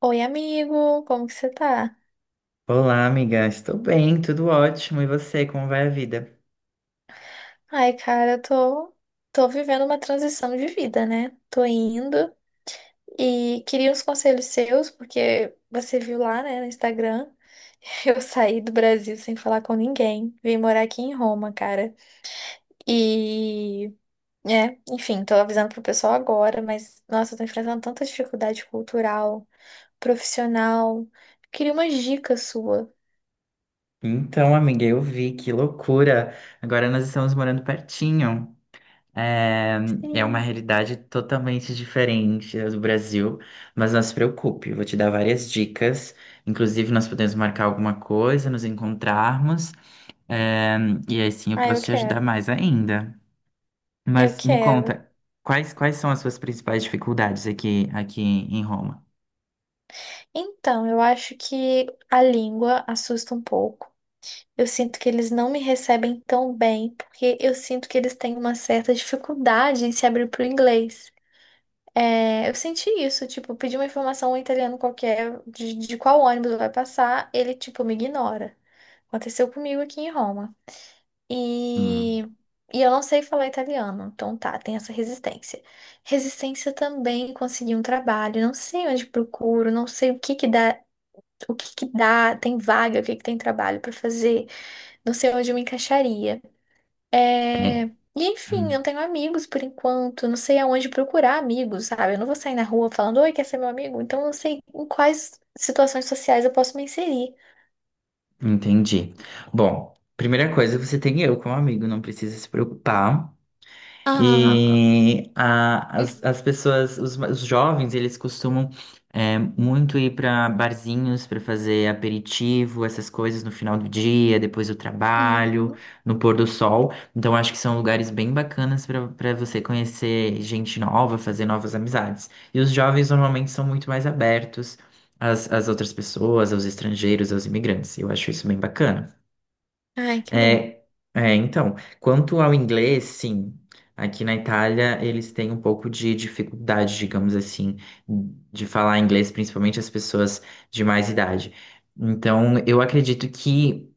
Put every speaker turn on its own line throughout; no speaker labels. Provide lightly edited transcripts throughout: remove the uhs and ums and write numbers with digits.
Oi, amigo, como que você tá?
Olá, amiga. Estou bem, tudo ótimo. E você, como vai a vida?
Ai, cara, eu tô vivendo uma transição de vida, né? Tô indo e queria uns conselhos seus, porque você viu lá, né, no Instagram, eu saí do Brasil sem falar com ninguém. Vim morar aqui em Roma, cara. E, enfim, tô avisando pro pessoal agora, mas, nossa, eu tô enfrentando tanta dificuldade cultural, profissional. Queria umas dicas sua.
Então, amiga, eu vi, que loucura. Agora nós estamos morando pertinho. É. É uma
Sim.
realidade totalmente diferente da do Brasil, mas não se preocupe, eu vou te dar várias dicas. Inclusive, nós podemos marcar alguma coisa, nos encontrarmos, é, e aí sim eu
Ah, eu
posso te ajudar
quero.
mais ainda.
Eu
Mas me
quero.
conta, quais são as suas principais dificuldades aqui em Roma?
Então, eu acho que a língua assusta um pouco. Eu sinto que eles não me recebem tão bem, porque eu sinto que eles têm uma certa dificuldade em se abrir para o inglês. É, eu senti isso, tipo, pedi uma informação a um italiano qualquer de qual ônibus vai passar, ele, tipo, me ignora. Aconteceu comigo aqui em Roma.
Hum.
E, e eu não sei falar italiano, então tá, tem essa resistência. Resistência também em conseguir um trabalho, não sei onde procuro, não sei o que que dá, tem vaga, o que que tem trabalho para fazer, não sei onde eu me encaixaria. É,
É.
E enfim, não tenho amigos por enquanto, não sei aonde procurar amigos, sabe? Eu não vou sair na rua falando, oi, quer ser meu amigo? Então eu não sei em quais situações sociais eu posso me inserir.
Entendi. Bom, primeira coisa, você tem eu como amigo, não precisa se preocupar.
Ah,
E as pessoas, os jovens, eles costumam muito ir para barzinhos para fazer aperitivo, essas coisas no final do dia, depois do trabalho,
uhum.
no pôr do sol. Então, acho que são lugares bem bacanas para você conhecer gente nova, fazer novas amizades. E os jovens normalmente são muito mais abertos às outras pessoas, aos estrangeiros, aos imigrantes. Eu acho isso bem bacana.
Ai, que bom.
É, então, quanto ao inglês, sim, aqui na Itália eles têm um pouco de dificuldade, digamos assim, de falar inglês, principalmente as pessoas de mais idade. Então, eu acredito que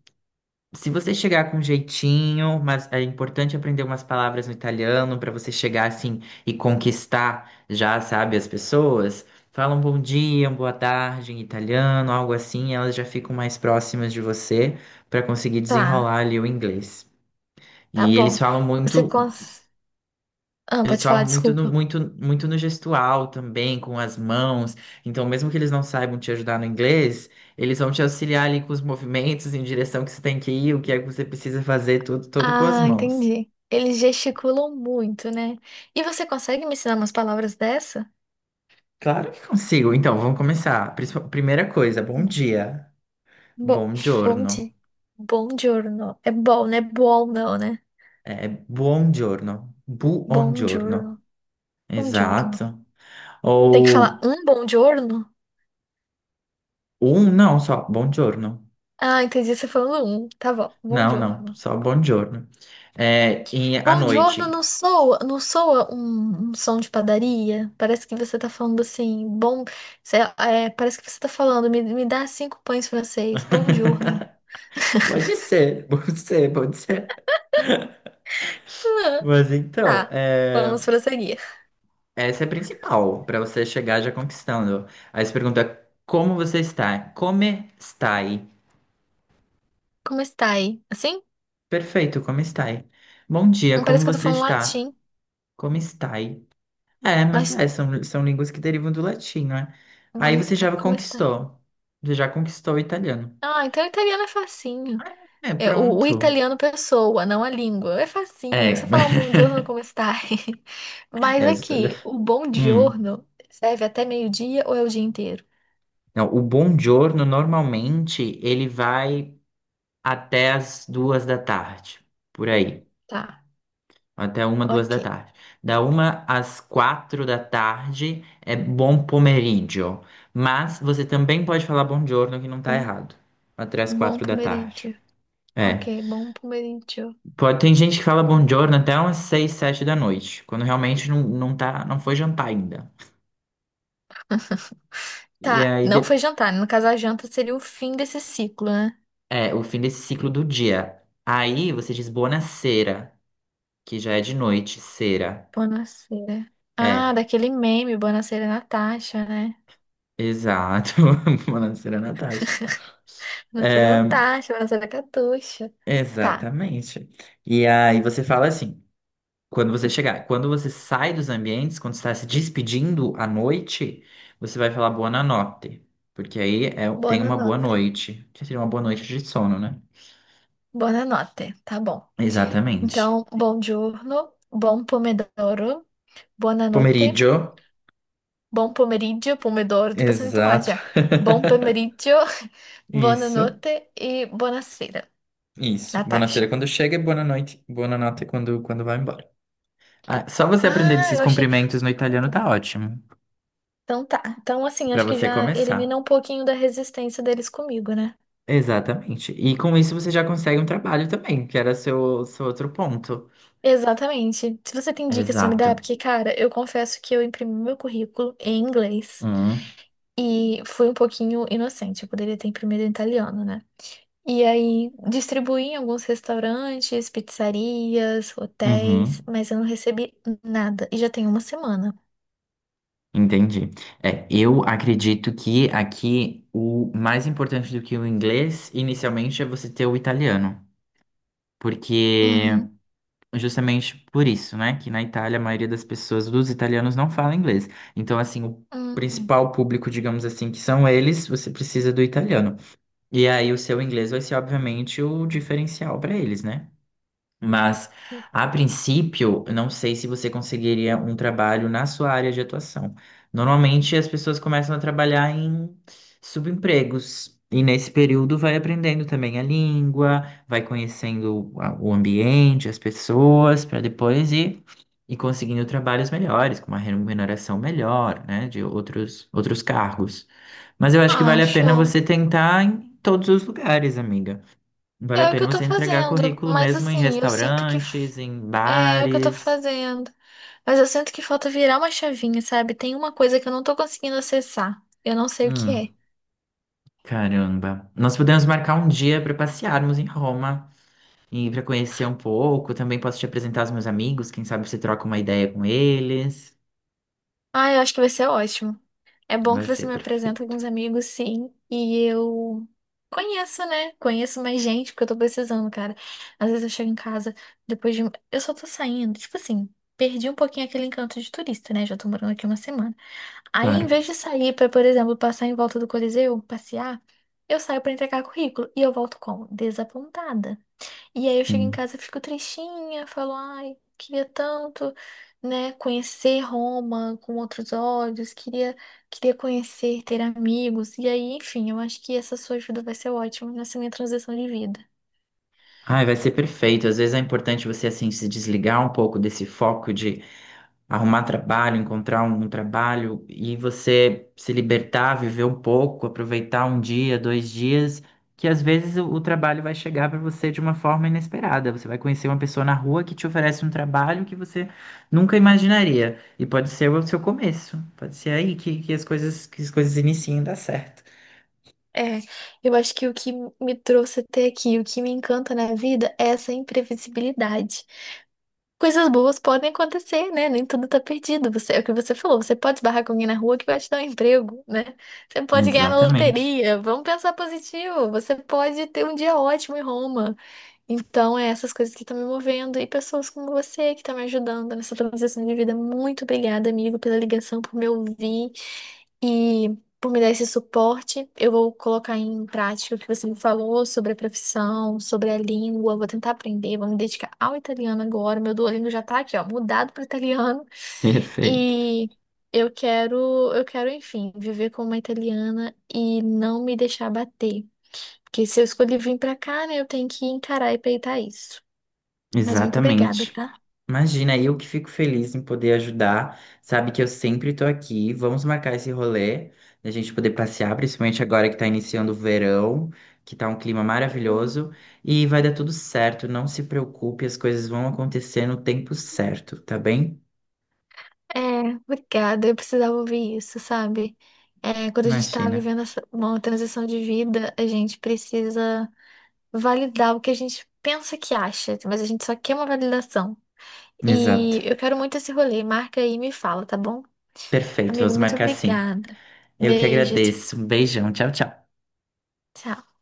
se você chegar com jeitinho, mas é importante aprender umas palavras no italiano para você chegar assim e conquistar já, sabe, as pessoas, falam um bom dia, uma boa tarde em italiano, algo assim, elas já ficam mais próximas de você para conseguir
Tá,
desenrolar ali o inglês.
tá
E eles
bom.
falam
Você
muito
cons... Ah,
eles
pode falar,
falam muito no,
desculpa.
muito no gestual também, com as mãos. Então, mesmo que eles não saibam te ajudar no inglês, eles vão te auxiliar ali com os movimentos, em direção que você tem que ir, o que é que você precisa fazer, tudo, tudo com as
Ah,
mãos.
entendi. Eles gesticulam muito, né? E você consegue me ensinar umas palavras dessa?
Claro que consigo. Então, vamos começar. Primeira coisa, bom dia.
Bo
Bom giorno.
Bonde? Buongiorno. É bom, né? Bom não, né?
É, buon giorno.
Buongiorno. Buongiorno.
Exato.
Tem que falar
Ou
um buongiorno?
não, só bom giorno.
Ah, entendi você falando um. Tá bom.
Não, não,
Buongiorno.
só bom giorno. À
Buongiorno não
noite.
soa, não soa um som de padaria? Parece que você tá falando assim, bom... parece que você tá falando, me dá cinco pães francês. Buongiorno.
Pode ser, pode ser, pode ser.
Ah,
Mas então,
tá. Vamos prosseguir.
essa é a principal, para você chegar já conquistando. Aí você pergunta, como você está? Come stai?
Como está aí? Assim?
Perfeito, como stai? Bom dia,
Não
como
parece que eu tô
você
falando
está?
latim,
Como stai? É, mas
mas...
são línguas que derivam do latim, né?
Como
Aí você
está?
já
Como.
conquistou. Você já conquistou o italiano.
Ah, então o italiano é facinho.
É,
É, o
pronto.
italiano pessoa, não a língua. É facinho. Você
É.
falar um bom giorno, é como está? Mas
É os
aqui,
italianos.
o bom
Hum.
giorno serve até meio-dia ou é o dia inteiro?
Não, o buongiorno normalmente ele vai até as 2 da tarde, por aí,
Tá,
até 1, 2 da
ok.
tarde. Da 1 às 4 da tarde é bom pomeriggio, mas você também pode falar buongiorno que não tá
Bom,
errado, até as
bom
4 da tarde.
pomeriggio.
É,
Ok, bom pomeriggio.
pode, tem gente que fala buongiorno até umas 6, 7 da noite, quando realmente não, não tá, não foi jantar ainda. E
Tá,
aí
não foi jantar, né? No caso, a janta seria o fim desse ciclo, né?
é o fim desse ciclo do dia. Aí você diz buonasera. Que já é de noite, cera.
Buonasera. Ah,
É,
daquele meme, Buonasera Natasha, né?
exato. Falando cera Natasha.
Buonasera
É,
Natasha, Buonasera Catuxa. Tá,
exatamente. E aí você fala assim, quando você chegar, quando você sai dos ambientes, quando você está se despedindo à noite, você vai falar boa notte, porque aí
boa
tem uma boa
nota.
noite, que seria uma boa noite de sono, né?
Buonanotte, tá bom.
Exatamente.
Então, bom giorno, bom pomodoro, buonanotte,
Pomeriggio.
bom pomeriggio, pomodoro, tô pensando em tomate
Exato.
já. Bom pomeriggio,
Isso,
buonanotte e buonasera,
isso. Boa sera
Natasha.
quando chega e boa noite quando vai embora. Ah, só você aprender
Ah,
esses
eu achei que
cumprimentos
fosse
no italiano
conta, né?
tá ótimo,
Então tá. Então, assim,
pra
acho que
você
já elimina
começar.
um pouquinho da resistência deles comigo, né?
Exatamente. E com isso você já consegue um trabalho também, que era seu, outro ponto.
Exatamente. Se você tem dicas pra me
Exato.
dar, é porque, cara, eu confesso que eu imprimi meu currículo em inglês
Hum,
e fui um pouquinho inocente. Eu poderia ter imprimido em italiano, né? E aí distribuí em alguns restaurantes, pizzarias, hotéis,
uhum,
mas eu não recebi nada. E já tem uma semana.
entendi. É, eu acredito que aqui o mais importante do que o inglês, inicialmente, é você ter o italiano. Porque
Uhum.
justamente por isso, né? Que na Itália a maioria das pessoas, dos italianos, não fala inglês. Então, assim, o
Hum.
principal público, digamos assim, que são eles, você precisa do italiano. E aí o seu inglês vai ser, obviamente, o diferencial para eles, né? Mas, a princípio, eu não sei se você conseguiria um trabalho na sua área de atuação. Normalmente, as pessoas começam a trabalhar em subempregos. E nesse período vai aprendendo também a língua, vai conhecendo o ambiente, as pessoas, para depois ir conseguindo trabalhos melhores, com uma remuneração melhor, né, de outros cargos. Mas eu acho que vale
Ah,
a pena você
show.
tentar em todos os lugares, amiga. Vale a
É o que
pena
eu tô
você entregar
fazendo.
currículo
Mas
mesmo em
assim, eu sinto que f-
restaurantes, em
é o que eu tô
bares.
fazendo. Mas eu sinto que falta virar uma chavinha, sabe? Tem uma coisa que eu não tô conseguindo acessar. Eu não sei o que
Hum,
é.
caramba. Nós podemos marcar um dia para passearmos em Roma e para conhecer um pouco. Também posso te apresentar os meus amigos, quem sabe você troca uma ideia com eles.
Ah, eu acho que vai ser ótimo. É bom que
Vai
você
ser
me apresenta
perfeito.
alguns amigos, sim, e eu conheço, né? Conheço mais gente, porque eu tô precisando, cara. Às vezes eu chego em casa, eu só tô saindo, tipo assim, perdi um pouquinho aquele encanto de turista, né? Já tô morando aqui uma semana. Aí, em
Claro,
vez de sair pra, por exemplo, passar em volta do Coliseu, passear, eu saio pra entregar currículo e eu volto como? Desapontada. E aí eu chego em
sim.
casa, fico tristinha, falo, ai, queria tanto, né, conhecer Roma com outros olhos, queria conhecer, ter amigos. E aí, enfim, eu acho que essa sua ajuda vai ser ótima nessa minha transição de vida.
Ai, vai ser perfeito. Às vezes é importante você assim se desligar um pouco desse foco de arrumar trabalho, encontrar um trabalho e você se libertar, viver um pouco, aproveitar um dia, dois dias, que às vezes o trabalho vai chegar para você de uma forma inesperada. Você vai conhecer uma pessoa na rua que te oferece um trabalho que você nunca imaginaria. E pode ser o seu começo, pode ser aí que as coisas iniciem a dar certo.
É, eu acho que o que me trouxe até aqui, o que me encanta na vida é essa imprevisibilidade. Coisas boas podem acontecer, né? Nem tudo tá perdido. Você, é o que você falou, você pode esbarrar com alguém na rua que vai te dar um emprego, né? Você pode ganhar na
Exatamente.
loteria. Vamos pensar positivo. Você pode ter um dia ótimo em Roma. Então, é essas coisas que estão me movendo e pessoas como você que estão me ajudando nessa transição de vida. Muito obrigada, amigo, pela ligação, por me ouvir e por me dar esse suporte. Eu vou colocar em prática o que você me falou sobre a profissão, sobre a língua. Vou tentar aprender, vou me dedicar ao italiano agora. Meu Duolingo já tá aqui, ó, mudado para italiano.
Perfeito.
E eu quero, eu quero, enfim, viver como uma italiana e não me deixar bater. Porque se eu escolhi vir pra cá, né, eu tenho que encarar e peitar isso. Mas muito obrigada,
Exatamente.
tá?
Imagina, eu que fico feliz em poder ajudar. Sabe que eu sempre tô aqui. Vamos marcar esse rolê, da gente poder passear, principalmente agora que tá iniciando o verão, que tá um clima
Eu.
maravilhoso. E vai dar tudo certo, não se preocupe, as coisas vão acontecer no tempo certo, tá bem?
É, obrigada. Eu precisava ouvir isso, sabe? É, quando a gente tá
Imagina.
vivendo uma transição de vida, a gente precisa validar o que a gente pensa que acha, mas a gente só quer uma validação.
Exato.
E eu quero muito esse rolê. Marca aí e me fala, tá bom?
Perfeito,
Amigo,
vamos
muito
marcar sim.
obrigada.
Eu que
Beijo, tchau,
agradeço. Um beijão, tchau, tchau.
tchau.